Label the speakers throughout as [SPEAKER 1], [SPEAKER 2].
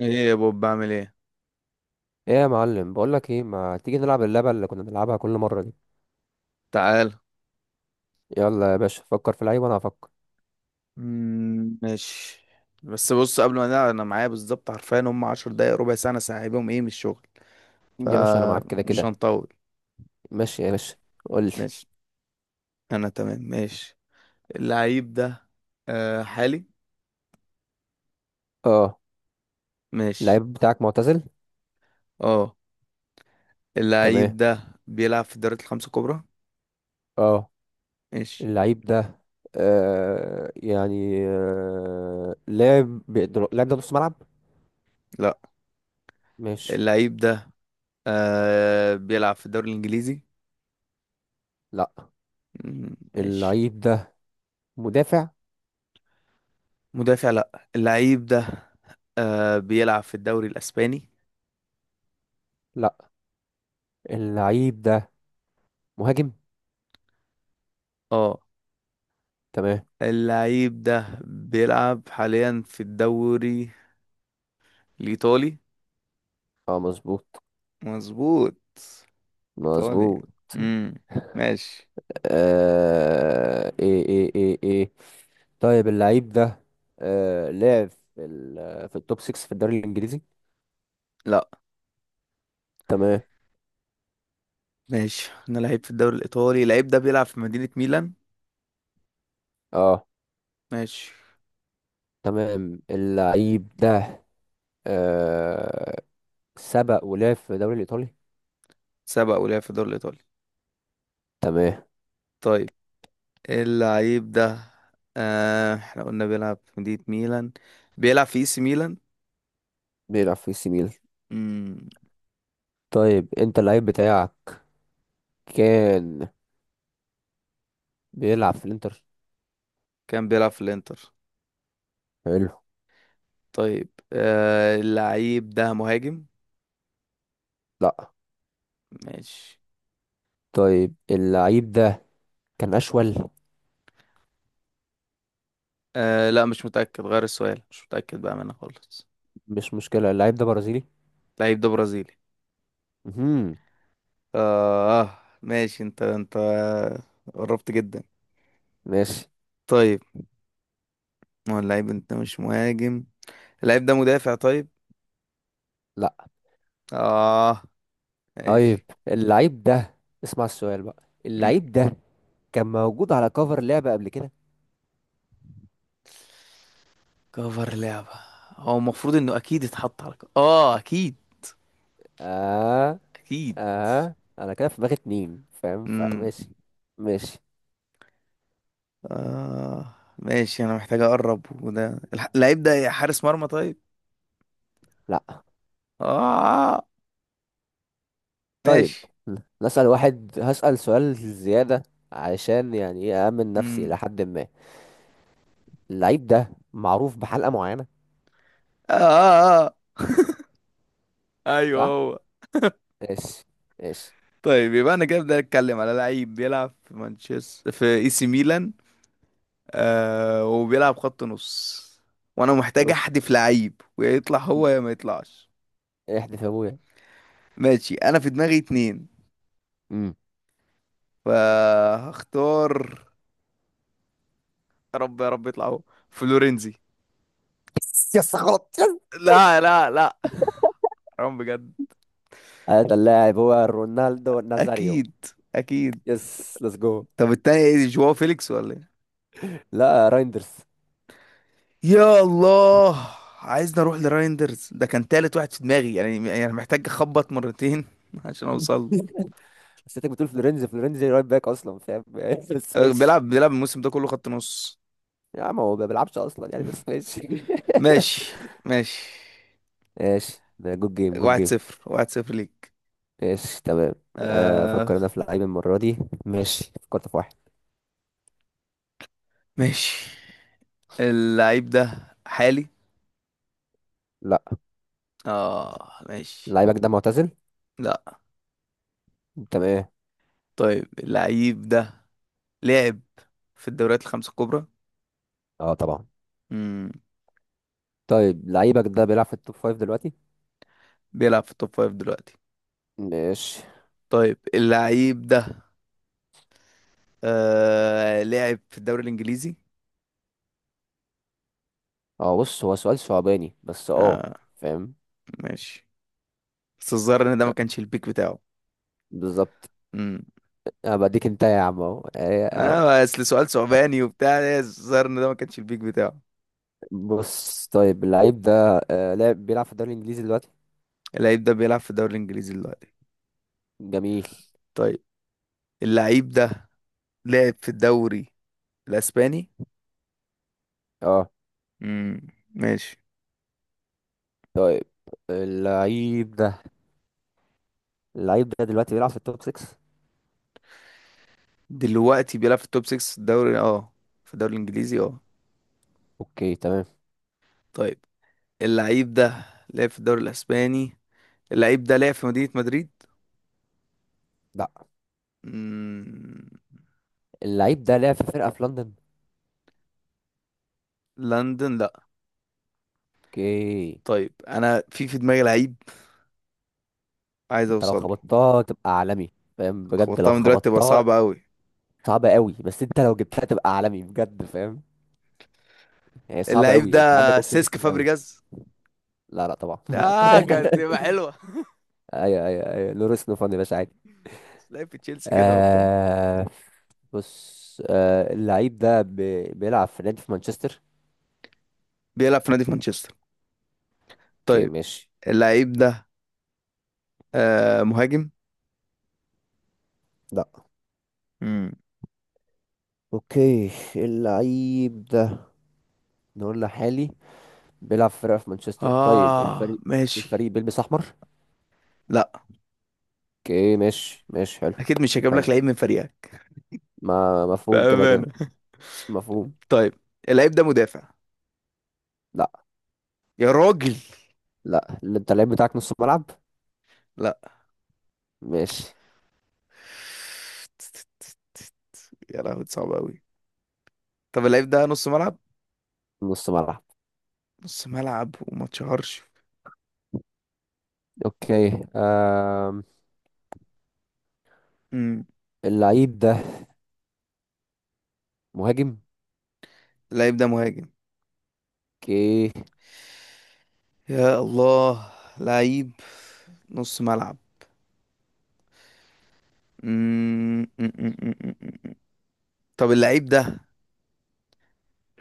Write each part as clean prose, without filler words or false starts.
[SPEAKER 1] ايه يا بوب بعمل ايه؟
[SPEAKER 2] ايه يا معلم، بقولك ايه؟ ما تيجي نلعب اللعبه اللي كنا بنلعبها كل مره دي؟
[SPEAKER 1] تعال.
[SPEAKER 2] يلا يا باشا فكر في لعيب وانا هفكر.
[SPEAKER 1] ماشي. بس بص قبل ما نقعد انا معايا بالظبط حرفيا هم عشر دقايق ربع ساعة انا سايبهم ايه من الشغل
[SPEAKER 2] يا باشا انا معاك كده
[SPEAKER 1] فمش
[SPEAKER 2] كده.
[SPEAKER 1] هنطول.
[SPEAKER 2] ماشي يا باشا، قول لي.
[SPEAKER 1] ماشي انا تمام ماشي. اللعيب ده آه حالي.
[SPEAKER 2] اه.
[SPEAKER 1] ماشي.
[SPEAKER 2] اللعيب بتاعك معتزل.
[SPEAKER 1] اه اللعيب
[SPEAKER 2] تمام.
[SPEAKER 1] ده بيلعب في الدوريات الخمسة الكبرى.
[SPEAKER 2] اه.
[SPEAKER 1] ماشي.
[SPEAKER 2] اللعيب ده يعني لاعب اللاعب ده نص ملعب.
[SPEAKER 1] لا.
[SPEAKER 2] ماشي.
[SPEAKER 1] اللعيب ده آه بيلعب في الدوري الانجليزي.
[SPEAKER 2] لا،
[SPEAKER 1] ماشي.
[SPEAKER 2] اللعيب ده مدافع.
[SPEAKER 1] مدافع لا. اللعيب ده آه بيلعب في الدوري الاسباني.
[SPEAKER 2] لا، اللعيب ده مهاجم.
[SPEAKER 1] اه
[SPEAKER 2] تمام.
[SPEAKER 1] اللعيب ده بيلعب حاليا في الدوري الإيطالي.
[SPEAKER 2] اه مظبوط.
[SPEAKER 1] مظبوط. إيطالي.
[SPEAKER 2] مظبوط.
[SPEAKER 1] امم. ماشي.
[SPEAKER 2] ايه ايه ايه ايه. طيب اللعيب ده في التوب 6 في الدوري الانجليزي.
[SPEAKER 1] لا.
[SPEAKER 2] تمام.
[SPEAKER 1] ماشي. أنا لعيب في الدوري الإيطالي اللعيب ده بيلعب في مدينة ميلان.
[SPEAKER 2] اه.
[SPEAKER 1] ماشي.
[SPEAKER 2] تمام. اللعيب ده آه سبق ولعب في الدوري الايطالي.
[SPEAKER 1] سبق ولعب في الدوري الإيطالي.
[SPEAKER 2] تمام.
[SPEAKER 1] طيب اللعيب ده آه احنا قلنا بيلعب في مدينة ميلان بيلعب في اي سي ميلان.
[SPEAKER 2] بيلعب في سي ميلان.
[SPEAKER 1] امم.
[SPEAKER 2] طيب، انت اللعيب بتاعك كان بيلعب في الانتر.
[SPEAKER 1] كان بيلعب في الإنتر.
[SPEAKER 2] حلو.
[SPEAKER 1] طيب آه اللعيب ده مهاجم.
[SPEAKER 2] لا.
[SPEAKER 1] ماشي.
[SPEAKER 2] طيب اللعيب ده كان اشول.
[SPEAKER 1] آه لا مش متأكد غير السؤال مش متأكد بقى منه خالص.
[SPEAKER 2] مش مشكلة، اللعيب ده برازيلي.
[SPEAKER 1] اللعيب ده برازيلي.
[SPEAKER 2] مهم.
[SPEAKER 1] آه ماشي انت انت قربت جدا.
[SPEAKER 2] ماشي.
[SPEAKER 1] طيب ما هو اللعيب انت مش مهاجم اللعيب ده مدافع طيب. اه
[SPEAKER 2] طيب
[SPEAKER 1] ماشي.
[SPEAKER 2] اللعيب ده، اسمع السؤال بقى،
[SPEAKER 1] مم.
[SPEAKER 2] اللعيب ده كان موجود على كفر لعبة قبل كده.
[SPEAKER 1] كفر لعبة. هو المفروض انه اكيد اتحط على اه اكيد.
[SPEAKER 2] اه.
[SPEAKER 1] اكيد.
[SPEAKER 2] اه انا كده في دماغي اتنين فاهم،
[SPEAKER 1] امم.
[SPEAKER 2] فماشي. ماشي.
[SPEAKER 1] اه ماشي انا محتاج اقرب وده اللعيب ده حارس مرمى طيب.
[SPEAKER 2] لا.
[SPEAKER 1] اه
[SPEAKER 2] طيب
[SPEAKER 1] ماشي.
[SPEAKER 2] نسأل واحد، هسأل سؤال زيادة علشان يعني ايه أأمن نفسي
[SPEAKER 1] امم.
[SPEAKER 2] إلى حد ما. اللعيب ده معروف بحلقة معينة،
[SPEAKER 1] اه, آه. آه. ايوه
[SPEAKER 2] صح؟
[SPEAKER 1] هو.
[SPEAKER 2] ماشي. ماشي
[SPEAKER 1] طيب يبقى انا كده بدي اتكلم على لعيب بيلعب في مانشستر في اي سي ميلان آه وبيلعب خط نص وانا محتاج احدف لعيب ويا يطلع هو يا ما يطلعش.
[SPEAKER 2] احذف يا ابويا.
[SPEAKER 1] ماشي انا في دماغي اتنين
[SPEAKER 2] امم.
[SPEAKER 1] فهختار. يا رب يا رب يطلع هو. فلورنزي.
[SPEAKER 2] يس. غلط. يس.
[SPEAKER 1] لا لا لا. حرام بجد.
[SPEAKER 2] هذا اللاعب هو رونالدو نازاريو.
[SPEAKER 1] اكيد. اكيد.
[SPEAKER 2] يس ليتس جو.
[SPEAKER 1] طب التاني ايه جواو فيليكس ولا ايه؟
[SPEAKER 2] لا، رايندرز.
[SPEAKER 1] يا الله. عايزني اروح لرايندرز ده كان تالت واحد في دماغي يعني يعني محتاج اخبط مرتين عشان اوصل له.
[SPEAKER 2] بس انت بتقول فلورنزي، فلورنزي رايت باك اصلا فاهم. بس
[SPEAKER 1] آه،
[SPEAKER 2] ماشي.
[SPEAKER 1] بيلعب الموسم ده كله خط نص.
[SPEAKER 2] يا عم هو ما بيلعبش اصلا يعني، بس ماشي.
[SPEAKER 1] ماشي ماشي.
[SPEAKER 2] ماشي ده جود جيم جود
[SPEAKER 1] واحد
[SPEAKER 2] جيم.
[SPEAKER 1] صفر واحد صفر ليك.
[SPEAKER 2] ماشي تمام.
[SPEAKER 1] آه
[SPEAKER 2] افكر انا في لعيب المره دي. ماشي، فكرت في واحد.
[SPEAKER 1] ماشي. اللعيب ده حالي.
[SPEAKER 2] لا.
[SPEAKER 1] اه ماشي.
[SPEAKER 2] لعيبك ده معتزل.
[SPEAKER 1] لا.
[SPEAKER 2] تمام.
[SPEAKER 1] طيب اللعيب ده لعب في الدوريات الخمسة الكبرى.
[SPEAKER 2] اه طبعا.
[SPEAKER 1] مم.
[SPEAKER 2] طيب لعيبك ده بيلعب في التوب فايف دلوقتي.
[SPEAKER 1] بيلعب في التوب فايف دلوقتي.
[SPEAKER 2] ماشي.
[SPEAKER 1] طيب اللعيب ده آه لعب في الدوري الإنجليزي.
[SPEAKER 2] اه بص هو سؤال صعباني، بس اه
[SPEAKER 1] اه
[SPEAKER 2] فاهم.
[SPEAKER 1] ماشي. بس الظاهر ان ده ما كانش البيك بتاعه.
[SPEAKER 2] بالظبط.
[SPEAKER 1] مم.
[SPEAKER 2] انا بديك انت يا عم اهو. آه، آه.
[SPEAKER 1] اه اصل سؤال ثعباني وبتاع إيه، الظاهر ان ده ما كانش البيك بتاعه.
[SPEAKER 2] بص، طيب اللعيب ده آه، لعب بيلعب في الدوري الانجليزي دلوقتي.
[SPEAKER 1] اللعيب ده بيلعب في الدوري الانجليزي دلوقتي.
[SPEAKER 2] جميل.
[SPEAKER 1] طيب اللعيب ده لعب في الدوري الاسباني.
[SPEAKER 2] اه.
[SPEAKER 1] امم. ماشي.
[SPEAKER 2] طيب اللعيب ده دلوقتي بيلعب في التوب 6.
[SPEAKER 1] دلوقتي بيلعب في التوب 6 في الدوري اه في الدوري الانجليزي اه.
[SPEAKER 2] اوكي تمام.
[SPEAKER 1] طيب اللعيب ده لعب في الدوري الاسباني. اللعيب ده لعب في مدينة مدريد.
[SPEAKER 2] لا.
[SPEAKER 1] امم.
[SPEAKER 2] اللعيب ده لعب في فرقة في لندن.
[SPEAKER 1] لندن لا.
[SPEAKER 2] اوكي.
[SPEAKER 1] طيب انا في في دماغي لعيب عايز
[SPEAKER 2] انت لو
[SPEAKER 1] اوصل له.
[SPEAKER 2] خبطتها تبقى عالمي، فاهم، بجد
[SPEAKER 1] خبطتها
[SPEAKER 2] لو
[SPEAKER 1] من دلوقتي تبقى
[SPEAKER 2] خبطتها.
[SPEAKER 1] صعبة قوي.
[SPEAKER 2] صعبة قوي بس انت لو جبتها تبقى عالمي بجد فاهم. هي صعبة
[SPEAKER 1] اللعيب
[SPEAKER 2] قوي، انت عندك
[SPEAKER 1] ده
[SPEAKER 2] اوبشنز
[SPEAKER 1] سيسك
[SPEAKER 2] كتير قوي.
[SPEAKER 1] فابريجاز.
[SPEAKER 2] لا لا طبعا.
[SPEAKER 1] اه كانت تبقى حلوه.
[SPEAKER 2] ايوه ايوه ايوه لوريس نوفان يا باشا عادي.
[SPEAKER 1] بس لعب في تشيلسي كده وبتاع.
[SPEAKER 2] آه. بص اللعيب ده بيلعب في نادي في مانشستر.
[SPEAKER 1] بيلعب في نادي في مانشستر.
[SPEAKER 2] اوكي
[SPEAKER 1] طيب
[SPEAKER 2] ماشي.
[SPEAKER 1] اللعيب ده آه مهاجم.
[SPEAKER 2] لا.
[SPEAKER 1] مم.
[SPEAKER 2] اوكي. اللعيب ده، نقول لحالي، بيلعب في فرقة في مانشستر. طيب
[SPEAKER 1] اه
[SPEAKER 2] الفريق
[SPEAKER 1] ماشي.
[SPEAKER 2] الفريق بيلبس احمر.
[SPEAKER 1] لا
[SPEAKER 2] اوكي ماشي. ماشي حلو.
[SPEAKER 1] اكيد مش هجيب
[SPEAKER 2] حلو.
[SPEAKER 1] لك لعيب من فريقك.
[SPEAKER 2] ما مفهوم كده كده،
[SPEAKER 1] بأمانة.
[SPEAKER 2] مفهوم.
[SPEAKER 1] طيب اللعيب ده مدافع.
[SPEAKER 2] لا
[SPEAKER 1] يا راجل.
[SPEAKER 2] لا، اللي انت اللعيب بتاعك نص ملعب.
[SPEAKER 1] لا.
[SPEAKER 2] ماشي
[SPEAKER 1] يا لهوي صعب قوي. طب اللعيب ده نص ملعب.
[SPEAKER 2] نص ملعب.
[SPEAKER 1] نص ملعب وما اتشهرش.
[SPEAKER 2] اوكي. آم.
[SPEAKER 1] امم.
[SPEAKER 2] اللعيب ده مهاجم.
[SPEAKER 1] اللعيب ده مهاجم.
[SPEAKER 2] اوكي.
[SPEAKER 1] يا الله. لعيب نص ملعب. مم. مم، مم، مم، مم، مم. طب اللعيب ده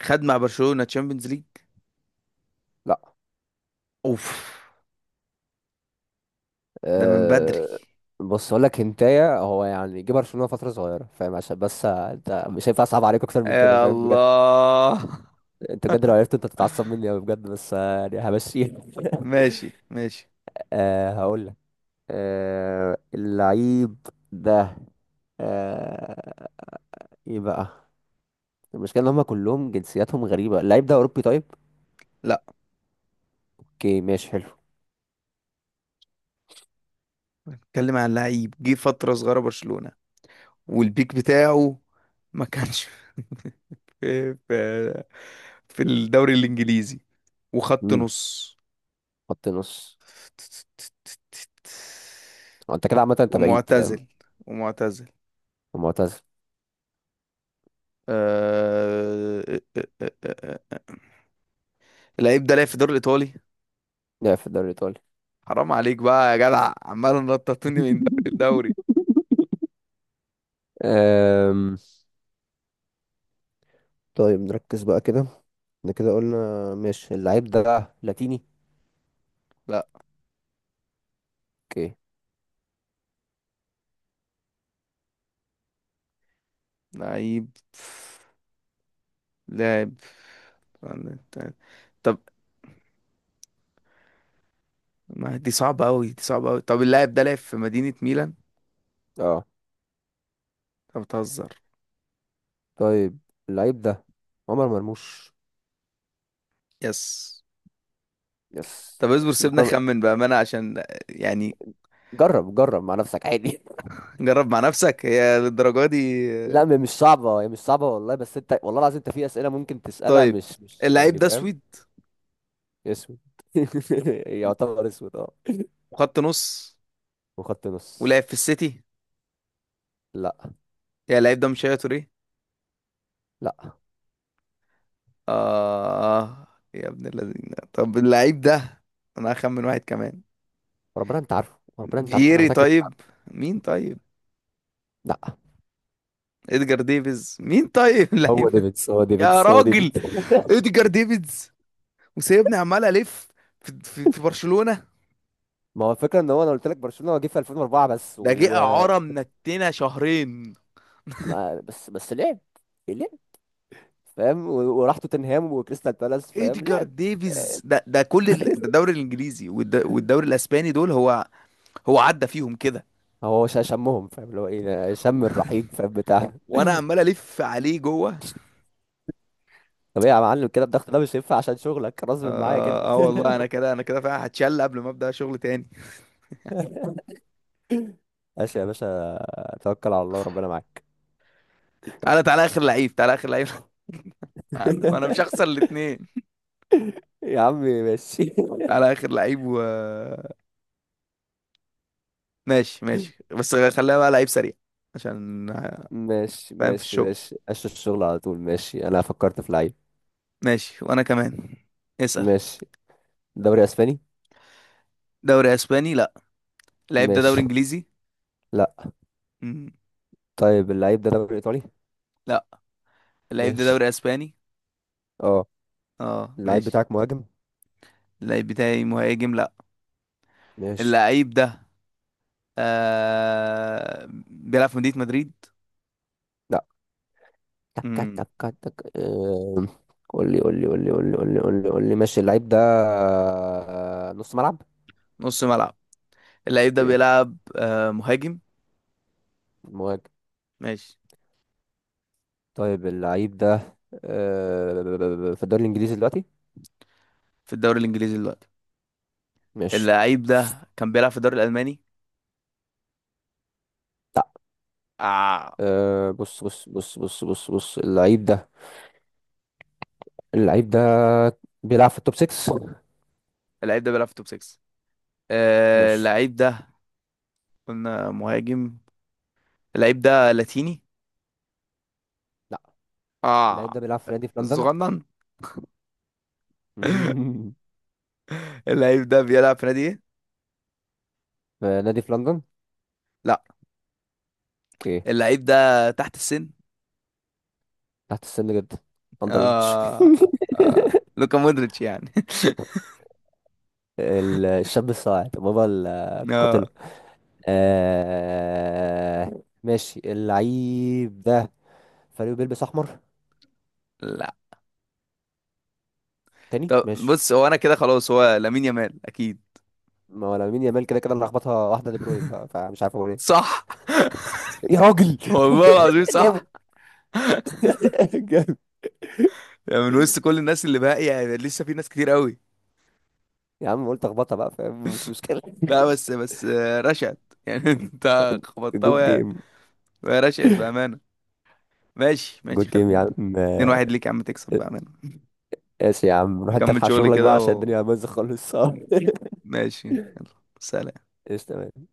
[SPEAKER 1] خد مع برشلونة تشامبيونز ليج.
[SPEAKER 2] لا.
[SPEAKER 1] اوف. ده من بدري.
[SPEAKER 2] أه... بص اقول لك هنتايه، هو يعني جه برشلونة فترة صغيرة فاهم، عشان بس انت مش هينفع اصعب عليك اكتر من كده
[SPEAKER 1] يا
[SPEAKER 2] فاهم.
[SPEAKER 1] الله.
[SPEAKER 2] انت بجد لو عرفت انت تتعصب مني قوي بجد، بس يعني همشيها.
[SPEAKER 1] ماشي ماشي.
[SPEAKER 2] هقول لك. اللعيب ده أه ايه بقى. المشكلة ان هم كلهم جنسياتهم غريبة، اللعيب ده اوروبي طيب.
[SPEAKER 1] لا.
[SPEAKER 2] اوكي ماشي حلو.
[SPEAKER 1] اتكلم عن لعيب جه فترة صغيرة برشلونة والبيك بتاعه ما كانش في في الدوري الإنجليزي وخط
[SPEAKER 2] امم
[SPEAKER 1] نص
[SPEAKER 2] خط نص. هو انت كده عامة، انت بعيد فاهم.
[SPEAKER 1] ومعتزل. ومعتزل.
[SPEAKER 2] ومعتزل.
[SPEAKER 1] آه... آه، آه، آه، آه. آه. اللعيب ده لعب في الدوري الإيطالي.
[SPEAKER 2] لعب في الدوري الايطالي.
[SPEAKER 1] حرام عليك بقى يا جدع عمال نططوني من دوري لدوري.
[SPEAKER 2] أم... طيب نركز بقى كده. احنا كده قلنا. ماشي اللعيب ده لاتيني.
[SPEAKER 1] لا.
[SPEAKER 2] اوكي.
[SPEAKER 1] لعيب. لاعب. طب ما دي صعبة أوي دي صعبة أوي. طب اللاعب ده لعب في مدينة ميلان.
[SPEAKER 2] اه.
[SPEAKER 1] طب بتهزر.
[SPEAKER 2] طيب اللعيب ده عمر مرموش.
[SPEAKER 1] يس.
[SPEAKER 2] يس.
[SPEAKER 1] طب اصبر سيبنا
[SPEAKER 2] جرب.
[SPEAKER 1] خمن بأمانة عشان يعني.
[SPEAKER 2] جرب جرب مع نفسك عادي.
[SPEAKER 1] جرب مع نفسك هي للدرجة دي؟
[SPEAKER 2] لا مش صعبة، هي مش صعبة والله، بس انت والله العظيم انت في اسئلة ممكن تسألها
[SPEAKER 1] طيب
[SPEAKER 2] مش
[SPEAKER 1] اللعيب
[SPEAKER 2] يعني
[SPEAKER 1] ده
[SPEAKER 2] فاهم.
[SPEAKER 1] سويد
[SPEAKER 2] اسود. يعتبر اسود اه.
[SPEAKER 1] وخط نص
[SPEAKER 2] وخط نص.
[SPEAKER 1] ولعب في السيتي.
[SPEAKER 2] لا
[SPEAKER 1] يا اللعيب ده مش هي توريه.
[SPEAKER 2] لا،
[SPEAKER 1] آه. يا ابن الذين طب اللعيب ده أنا هخمن واحد كمان.
[SPEAKER 2] ربنا انت عارفه، ربنا انت عارفه، انا
[SPEAKER 1] فييري
[SPEAKER 2] متأكد.
[SPEAKER 1] طيب. مين طيب.
[SPEAKER 2] لا،
[SPEAKER 1] ادجار ديفيز مين طيب. اللعيب
[SPEAKER 2] هو
[SPEAKER 1] ده.
[SPEAKER 2] ديفيدز، هو
[SPEAKER 1] يا
[SPEAKER 2] ديفيدز، هو
[SPEAKER 1] راجل.
[SPEAKER 2] ديفيدز.
[SPEAKER 1] ادجار ديفيز وسايبني عمال الف في برشلونة.
[SPEAKER 2] ما هو الفكرة ان هو انا قلت لك برشلونة هو جه في 2004 بس،
[SPEAKER 1] ده جه
[SPEAKER 2] و
[SPEAKER 1] اعاره منتنا شهرين.
[SPEAKER 2] بس لعب فاهم، وراح توتنهام وكريستال بالاس فاهم.
[SPEAKER 1] ادجار
[SPEAKER 2] لعب.
[SPEAKER 1] ديفيز ده كل ده الدوري الانجليزي والدوري الاسباني دول هو. هو عدى فيهم كده.
[SPEAKER 2] هو شمهم فاهم، اللي هو ايه، شم الرحيق فاهم بتاع.
[SPEAKER 1] وانا عمال الف عليه جوه.
[SPEAKER 2] طب ايه يا معلم، كده الضغط ده مش هينفع عشان شغلك غصب معايا كده.
[SPEAKER 1] اه, آه والله انا كده انا كده فعلا هتشل قبل ما ابدا شغل تاني.
[SPEAKER 2] ماشي يا باشا، توكل على الله وربنا معاك.
[SPEAKER 1] تعالى تعالى اخر لعيب تعالى اخر لعيب. أنا مش هخسر الاتنين
[SPEAKER 2] يا عمي ماشي
[SPEAKER 1] على اخر لعيب و ماشي ماشي بس خليها بقى لعيب سريع عشان
[SPEAKER 2] ماشي
[SPEAKER 1] فاهم في
[SPEAKER 2] ماشي
[SPEAKER 1] الشغل.
[SPEAKER 2] ماشي أشوف الشغل على طول. ماشي، أنا فكرت في لعيب.
[SPEAKER 1] ماشي وانا كمان. اسأل.
[SPEAKER 2] ماشي. دوري أسباني.
[SPEAKER 1] دوري اسباني لا. اللعيب ده
[SPEAKER 2] ماشي.
[SPEAKER 1] دوري انجليزي.
[SPEAKER 2] لأ.
[SPEAKER 1] مم.
[SPEAKER 2] طيب اللعيب ده دوري إيطالي.
[SPEAKER 1] لا. اللعيب ده
[SPEAKER 2] ماشي.
[SPEAKER 1] دوري اسباني.
[SPEAKER 2] اه.
[SPEAKER 1] اه
[SPEAKER 2] اللعيب
[SPEAKER 1] ماشي.
[SPEAKER 2] بتاعك مهاجم.
[SPEAKER 1] اللعيب بتاعي مهاجم لا.
[SPEAKER 2] ماشي.
[SPEAKER 1] اللعيب ده آه... بيلعب في مدينة مدريد.
[SPEAKER 2] لأ. تك تك.
[SPEAKER 1] مم.
[SPEAKER 2] تك تك. قول لي قول لي قول لي قول لي قول لي قول لي قول لي. ماشي، اللعيب ده نص ملعب.
[SPEAKER 1] نص ملعب. اللعيب ده
[SPEAKER 2] اوكي
[SPEAKER 1] بيلعب آه مهاجم.
[SPEAKER 2] مهاجم.
[SPEAKER 1] ماشي.
[SPEAKER 2] طيب اللعيب ده في الدوري الانجليزي دلوقتي.
[SPEAKER 1] في الدوري الانجليزي دلوقتي.
[SPEAKER 2] ماشي.
[SPEAKER 1] اللعيب ده كان بيلعب في الدوري الالماني.
[SPEAKER 2] لا.
[SPEAKER 1] آه.
[SPEAKER 2] بص بص بص بص بص بص. اللعيب ده اللعيب ده بيلعب في التوب 6.
[SPEAKER 1] اللعيب ده بيلعب في توب 6. آه
[SPEAKER 2] ماشي.
[SPEAKER 1] اللعيب ده قلنا مهاجم. اللعيب ده لاتيني.
[SPEAKER 2] لا. اللعيب ده
[SPEAKER 1] اه.
[SPEAKER 2] بيلعب في نادي في لندن.
[SPEAKER 1] صغنن. اللعيب ده بيلعب في نادي ايه؟
[SPEAKER 2] في نادي في لندن.
[SPEAKER 1] لا.
[SPEAKER 2] اوكي.
[SPEAKER 1] اللعيب ده تحت السن.
[SPEAKER 2] تحت السن جدا. اندر ايج.
[SPEAKER 1] اه, آه. لوكا مودريتش يعني.
[SPEAKER 2] الشاب الصاعد بابا.
[SPEAKER 1] اه.
[SPEAKER 2] القاتله. آه، ماشي اللعيب ده فريقه بيلبس احمر.
[SPEAKER 1] لا.
[SPEAKER 2] تاني
[SPEAKER 1] طب
[SPEAKER 2] ماشي.
[SPEAKER 1] بص هو انا كده خلاص هو لامين يامال اكيد.
[SPEAKER 2] ما هو لامين يامال كده كده اللي لخبطها، واحده دي بروين بقى، فمش عارف اقول ايه.
[SPEAKER 1] صح.
[SPEAKER 2] يا راجل.
[SPEAKER 1] والله العظيم صح.
[SPEAKER 2] جامد جامد.
[SPEAKER 1] يعني من وسط كل الناس اللي باقي يعني لسه في ناس كتير قوي.
[SPEAKER 2] يا عم قلت اخبطها بقى فاهم، مش مشكله.
[SPEAKER 1] لا بس بس آه، رشد يعني. انت خبطتها
[SPEAKER 2] جود
[SPEAKER 1] ويا
[SPEAKER 2] جيم
[SPEAKER 1] ويا رشد بأمانة. ماشي ماشي
[SPEAKER 2] جود جيم يا
[SPEAKER 1] خلينا.
[SPEAKER 2] عم.
[SPEAKER 1] اتنين واحد ليك يا عم تكسب بقى منه.
[SPEAKER 2] ماشي يا عم، روح انت
[SPEAKER 1] تكمل
[SPEAKER 2] الحق
[SPEAKER 1] شغلي
[SPEAKER 2] شغلك
[SPEAKER 1] كده
[SPEAKER 2] بقى عشان الدنيا بايظه خالص.
[SPEAKER 1] وماشي يلا. سلام.
[SPEAKER 2] ايش تمام.